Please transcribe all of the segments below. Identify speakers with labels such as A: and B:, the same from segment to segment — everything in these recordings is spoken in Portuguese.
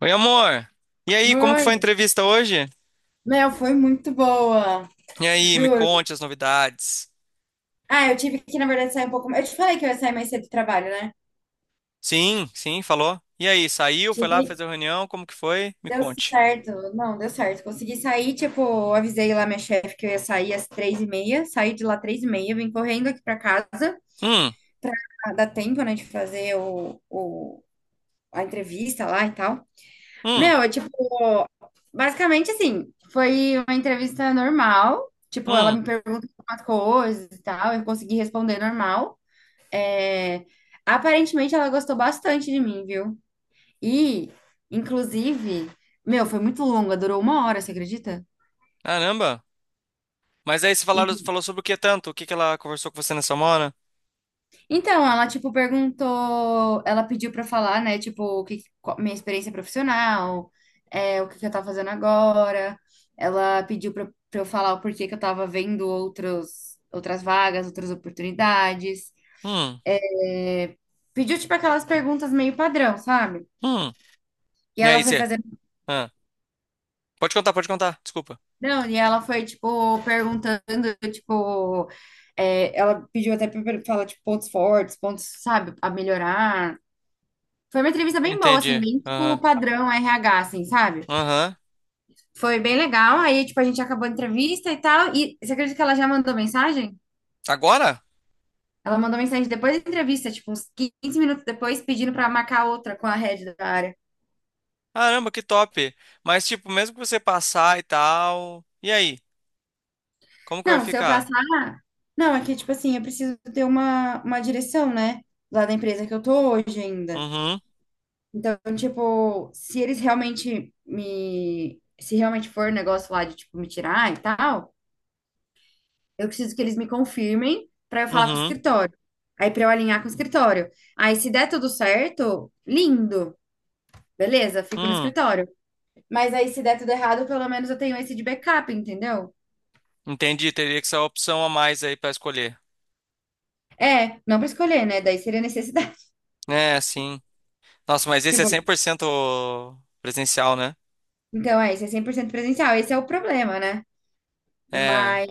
A: Oi, amor. E aí, como que
B: Foi.
A: foi a entrevista hoje?
B: Meu, foi muito boa.
A: E aí, me
B: Juro.
A: conte as novidades.
B: Ah, eu tive que, na verdade, sair um pouco mais. Eu te falei que eu ia sair mais cedo do trabalho, né?
A: Sim, sim, falou. E aí, saiu, foi lá
B: Cheguei.
A: fazer a reunião, como que foi? Me
B: Deu
A: conte.
B: certo. Não, deu certo. Consegui sair, tipo, eu avisei lá minha chefe que eu ia sair às 3:30. Saí de lá 3:30, vim correndo aqui pra casa.
A: Hum,
B: Ah, dá tempo, né, de fazer a entrevista lá e tal.
A: hum,
B: Meu, é tipo, basicamente assim, foi uma entrevista normal. Tipo, ela
A: hum.
B: me perguntou umas coisas e tal, eu consegui responder normal. Aparentemente ela gostou bastante de mim, viu? E, inclusive, meu, foi muito longa, durou uma hora, você acredita?
A: Caramba. Mas aí,
B: E-
A: falou sobre o que tanto? O que ela conversou com você nessa hora?
B: Então, ela, tipo, perguntou, ela pediu pra falar, né, tipo, o que, minha experiência profissional, é, o que que eu tava fazendo agora. Ela pediu pra eu falar o porquê que eu tava vendo outros, outras vagas, outras oportunidades.
A: Hum,
B: É, pediu, tipo, aquelas perguntas meio padrão, sabe?
A: hum.
B: E
A: E
B: ela
A: aí,
B: foi
A: você?
B: fazer.
A: Ah, pode contar, pode contar. Desculpa.
B: Não, e ela foi, tipo, perguntando, tipo, é, ela pediu até para falar, tipo, pontos fortes, pontos, sabe, a melhorar. Foi uma entrevista bem boa, assim,
A: Entendi.
B: bem, tipo, o
A: Aham,
B: padrão RH, assim, sabe?
A: aham.
B: Foi bem legal, aí, tipo, a gente acabou a entrevista e tal, e você acredita que ela já mandou mensagem?
A: Agora?
B: Ela mandou mensagem depois da entrevista, tipo, uns 15 minutos depois, pedindo para marcar outra com a head da área.
A: Caramba, que top. Mas, tipo, mesmo que você passar e tal. E aí? Como que vai
B: Não, se eu
A: ficar?
B: passar... Não, é que, tipo assim, eu preciso ter uma direção, né? Lá da empresa que eu tô hoje ainda.
A: Uhum,
B: Então, tipo, se eles realmente me. Se realmente for um negócio lá de, tipo, me tirar e tal, eu preciso que eles me confirmem pra eu falar com o
A: uhum.
B: escritório. Aí, pra eu alinhar com o escritório. Aí, se der tudo certo, lindo, beleza, fico no
A: Hum,
B: escritório. Mas aí, se der tudo errado, pelo menos eu tenho esse de backup, entendeu?
A: entendi. Teria que ser a opção a mais aí pra escolher.
B: É, não pra escolher, né? Daí seria necessidade.
A: É, sim. Nossa, mas esse é
B: Tipo,
A: 100% presencial, né?
B: então, é, isso é 100% presencial. Esse é o problema, né?
A: É.
B: Mas,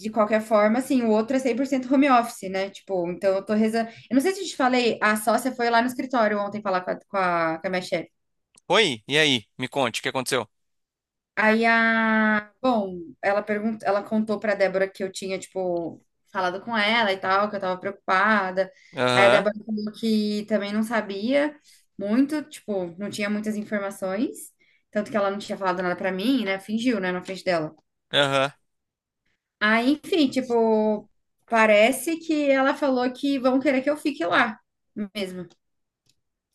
B: de qualquer forma, assim, o outro é 100% home office, né? Tipo, então eu tô rezando. Eu não sei se eu te falei, a sócia foi lá no escritório ontem falar com a minha chefe.
A: Oi, e aí? Me conte, o que aconteceu?
B: Aí a. Bom, ela perguntou, ela contou pra Débora que eu tinha, tipo, falado com ela e tal, que eu tava preocupada. Aí a
A: Aham,
B: Débora falou que também não sabia muito, tipo, não tinha muitas informações. Tanto que ela não tinha falado nada pra mim, né? Fingiu, né, na frente dela.
A: aham.
B: Aí, enfim, tipo, parece que ela falou que vão querer que eu fique lá mesmo.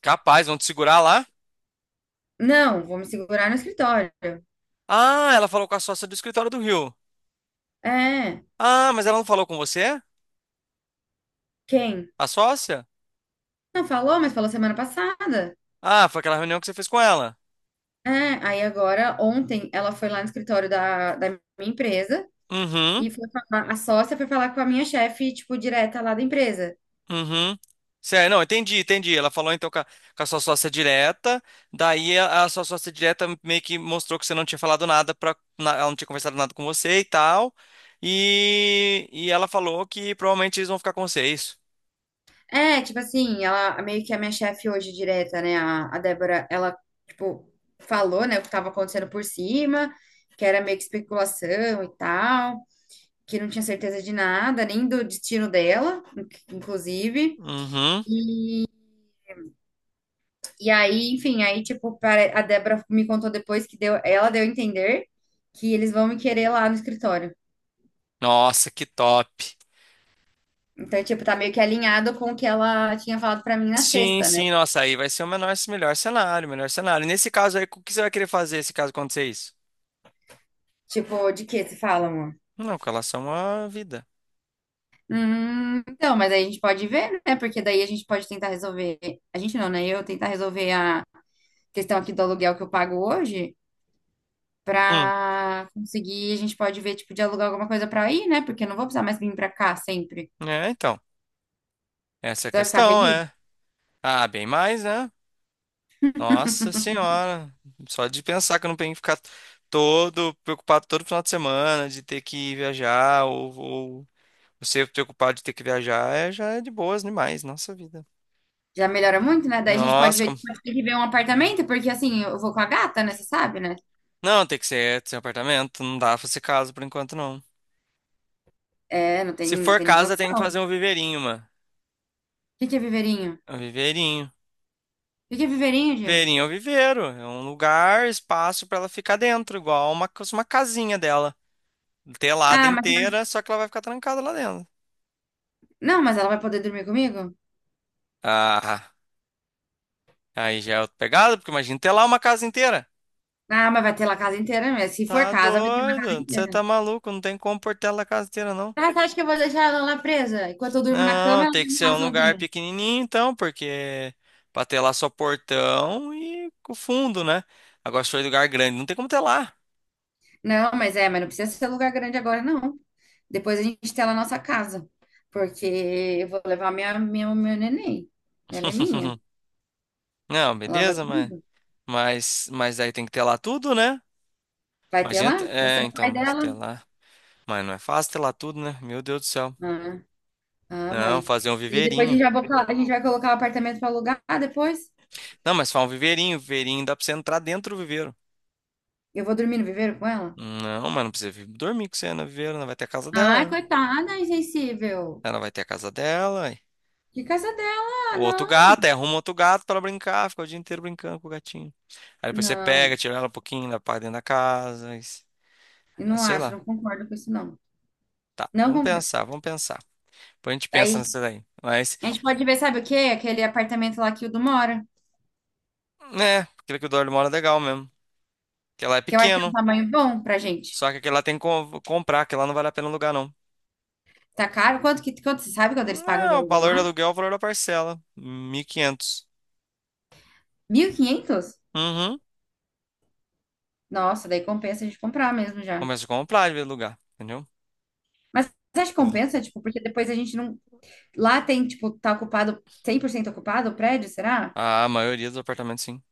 A: Capaz, vão te segurar lá?
B: Não, vou me segurar no escritório.
A: Ah, ela falou com a sócia do escritório do Rio.
B: É,
A: Ah, mas ela não falou com você?
B: quem?
A: A sócia?
B: Não falou, mas falou semana passada.
A: Ah, foi aquela reunião que você fez com ela.
B: É, aí agora, ontem, ela foi lá no escritório da minha empresa
A: Uhum.
B: e foi falar, a sócia foi falar com a minha chefe, tipo, direta lá da empresa.
A: Uhum. Sério, não, entendi, entendi. Ela falou então com a sua sócia direta, daí a sua sócia direta meio que mostrou que você não tinha falado nada para ela, não tinha conversado nada com você e tal. E ela falou que provavelmente eles vão ficar com você, é isso?
B: É, tipo assim, ela meio que é minha chefe hoje direta, né? A Débora, ela, tipo, falou, né, o que tava acontecendo por cima, que era meio que especulação e tal, que não tinha certeza de nada, nem do destino dela, inclusive.
A: Uhum.
B: E aí, enfim, aí, tipo, a Débora me contou depois que deu, ela deu a entender que eles vão me querer lá no escritório.
A: Nossa, que top.
B: Então, tipo, tá meio que alinhado com o que ela tinha falado pra mim na
A: Sim,
B: sexta, né?
A: sim, nossa, aí vai ser o melhor cenário, melhor cenário. E nesse caso aí, o que você vai querer fazer se caso acontecer isso?
B: Tipo, de que se fala.
A: Não, com relação à vida.
B: Então, mas aí a gente pode ver, né? Porque daí a gente pode tentar resolver. A gente não, né? Eu tentar resolver a questão aqui do aluguel que eu pago hoje
A: Hum,
B: pra conseguir. A gente pode ver, tipo, de alugar alguma coisa pra ir, né? Porque eu não vou precisar mais vir pra cá sempre.
A: é, então, essa é a
B: Você vai ficar
A: questão,
B: feliz?
A: é. Ah, bem mais, né? Nossa senhora, só de pensar que eu não tenho que ficar todo preocupado todo final de semana de ter que viajar ou ser preocupado de ter que viajar, é, já é de boas demais, nossa vida.
B: Já melhora muito, né? Daí a gente pode
A: Nossa,
B: ver,
A: como...
B: pode ter que ver um apartamento, porque assim, eu vou com a gata, né? Você sabe, né?
A: não, tem que ser seu apartamento, não dá pra ser casa por enquanto não.
B: É, não tem,
A: Se
B: não
A: for
B: tem nem
A: casa, tem que
B: condição. O
A: fazer um viveirinho, mano.
B: que que é viveirinho?
A: Um
B: O
A: viveirinho.
B: que que é viveirinho, Diego?
A: Viveirinho é um viveiro, é um lugar, espaço pra ela ficar dentro, igual uma casinha dela, telada
B: Ah, mas
A: inteira, só que ela vai ficar trancada lá dentro.
B: não, mas ela vai poder dormir comigo?
A: Ah. Aí já é outra pegada, porque imagina ter lá uma casa inteira.
B: Ah, mas vai ter lá a casa inteira mesmo. Se for
A: Tá
B: casa, vai ter lá a casa
A: doido, você tá
B: inteira.
A: maluco, não tem como pôr tela a casa inteira, não.
B: Ah, você acha que eu vou deixar ela lá presa? Enquanto eu durmo na cama,
A: Não,
B: ela
A: tem que ser
B: vai lá
A: um lugar
B: sozinha.
A: pequenininho então, porque pra ter lá só portão e o fundo, né? Agora se for lugar grande, não tem como ter lá.
B: Não, mas é, mas não precisa ser lugar grande agora, não. Depois a gente tem lá a nossa casa. Porque eu vou levar minha, minha, meu neném. Ela é minha.
A: Não,
B: Ela vai
A: beleza, mas,
B: comigo.
A: mas aí tem que ter lá tudo, né?
B: Vai ter
A: Imagina,
B: lá? Você
A: é,
B: é o
A: então,
B: pai
A: mas ter
B: dela?
A: lá. Mas não é fácil ter lá tudo, né? Meu Deus do céu.
B: Ah, ah,
A: Não,
B: mãe.
A: fazer um
B: E depois a
A: viveirinho.
B: gente vai a gente vai colocar o apartamento para alugar depois.
A: Não, mas faz um viveirinho, viveirinho dá pra você entrar dentro do viveiro.
B: Eu vou dormir no viveiro com ela?
A: Não, mas não precisa vir dormir com você, Ana Viveira. Ela vai ter a casa
B: Ai,
A: dela, né?
B: coitada, insensível.
A: Ela vai ter a casa dela. E
B: Que casa dela?
A: O outro
B: Não.
A: gato, aí arruma outro gato pra brincar, fica o dia inteiro brincando com o gatinho. Aí depois você pega,
B: Não,
A: tira ela um pouquinho, leva pra dentro da casa.
B: eu
A: É,
B: não
A: sei
B: acho,
A: lá.
B: não concordo com isso, não.
A: Tá,
B: Não
A: vamos
B: concordo.
A: pensar, vamos pensar. Depois a gente pensa
B: Aí
A: nessa daí. Mas,
B: a gente pode ver, sabe o quê? Aquele apartamento lá que o Du mora,
A: né, aquilo que o Dorley mora é legal mesmo. Porque lá é
B: que eu acho que é um
A: pequeno.
B: tamanho bom pra gente.
A: Só que aquele lá tem que comprar, que lá não vale a pena alugar, não.
B: Tá caro? Quanto que, quanto, você sabe quanto eles pagam de
A: Não, o
B: aluguel
A: valor
B: lá?
A: do aluguel é o valor da parcela. 1.500.
B: 1.500.
A: Uhum.
B: Nossa, daí compensa a gente comprar mesmo já.
A: Começa a comprar de vez em lugar, entendeu?
B: Mas você acha que compensa? Tipo, porque depois a gente não... Lá tem, tipo, tá ocupado, 100% ocupado o prédio, será?
A: A maioria dos apartamentos, sim.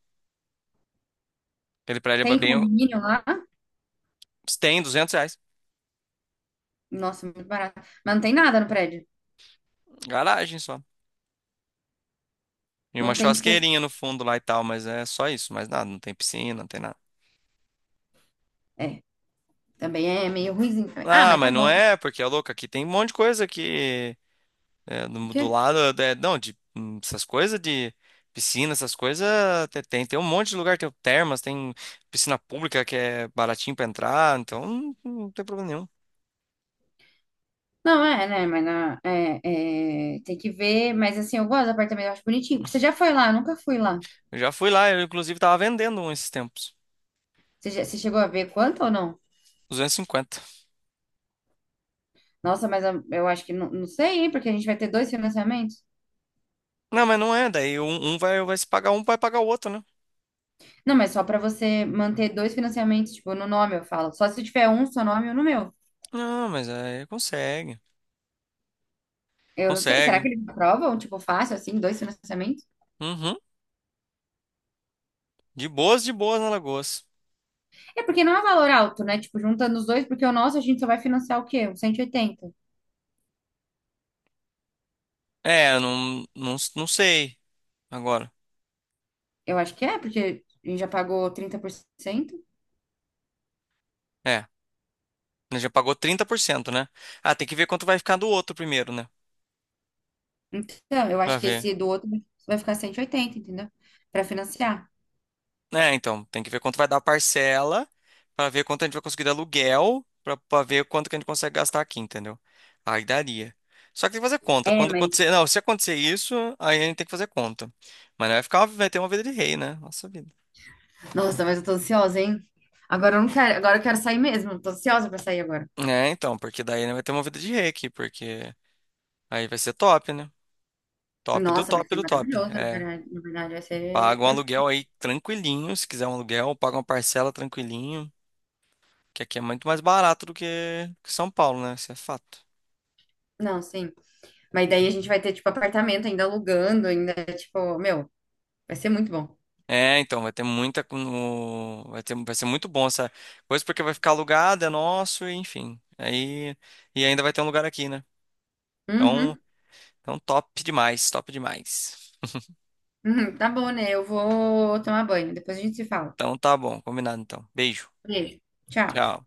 A: Aquele prédio é
B: Tem
A: bem.
B: condomínio lá?
A: Tem 200 reais.
B: Nossa, muito barato. Mas não tem nada no prédio.
A: Garagem só. E uma
B: Não tem, tipo...
A: churrasqueirinha no fundo lá e tal, mas é só isso, mais nada. Não tem piscina, não tem nada.
B: É, também é meio ruimzinho também. Ah,
A: Ah,
B: mas tá
A: mas não
B: bom.
A: é, porque é louco. Aqui tem um monte de coisa que. É, do, do lado. É, não, de. Essas coisas de piscina, essas coisas. Tem, um monte de lugar. Tem o termas, tem piscina pública que é baratinho pra entrar. Então não, não tem problema nenhum.
B: Não, é, né? Mas na, tem que ver. Mas assim, eu gosto do apartamento, eu acho bonitinho. Você já foi lá? Eu nunca fui lá.
A: Eu já fui lá, eu inclusive tava vendendo um esses tempos.
B: Você, você chegou a ver quanto ou não?
A: 250.
B: Nossa, mas eu acho que não, não sei, hein? Porque a gente vai ter dois financiamentos.
A: Não, mas não é. Daí um, um vai, vai se pagar um, vai pagar o outro, né?
B: Não, mas só pra você manter dois financiamentos, tipo, no nome, eu falo. Só se tiver um, seu nome ou no meu.
A: Não, mas aí consegue.
B: Eu não sei. Será
A: Consegue.
B: que eles aprovam, tipo, fácil, assim, dois financiamentos?
A: Uhum. De boas na Alagoas.
B: É porque não é valor alto, né? Tipo, juntando os dois, porque o nosso a gente só vai financiar o quê? Uns 180.
A: É, eu não, não, não sei agora.
B: Eu acho que é, porque a gente já pagou 30%.
A: É, ele já pagou 30%, né? Ah, tem que ver quanto vai ficar do outro primeiro, né?
B: Então, eu
A: Pra
B: acho que
A: ver.
B: esse do outro vai ficar 180, entendeu? Pra financiar.
A: É, então, tem que ver quanto vai dar a parcela, pra ver quanto a gente vai conseguir de aluguel, pra ver quanto que a gente consegue gastar aqui, entendeu? Aí daria. Só que tem que fazer conta.
B: É,
A: Quando
B: mas.
A: acontecer, não, se acontecer isso, aí a gente tem que fazer conta. Mas não vai ficar, vai ter uma vida de rei, né? Nossa vida.
B: Nossa, mas eu tô ansiosa, hein? Agora eu não quero, agora eu quero sair mesmo. Tô ansiosa pra sair agora.
A: É, então, porque daí né, vai ter uma vida de rei aqui, porque aí vai ser top, né? Top do
B: Nossa, vai
A: top
B: ser
A: do top.
B: maravilhoso, na
A: É,
B: verdade. Na verdade, vai
A: paga
B: ser
A: um aluguel
B: perfeito.
A: aí tranquilinho, se quiser um aluguel, paga uma parcela tranquilinho, que aqui é muito mais barato do que São Paulo, né? Isso é fato.
B: Não, sim. Mas daí a gente vai ter, tipo, apartamento ainda alugando, ainda, tipo, meu, vai ser muito bom.
A: É, então, vai ter muita. Vai ter, vai ser muito bom essa coisa, porque vai ficar alugado, é nosso, e enfim. Aí, e ainda vai ter um lugar aqui, né? Então,
B: Uhum.
A: então top demais, top demais.
B: Uhum, tá bom, né? Eu vou tomar banho. Depois a gente se fala.
A: Então tá bom, combinado então. Beijo,
B: Beijo. Tchau.
A: tchau.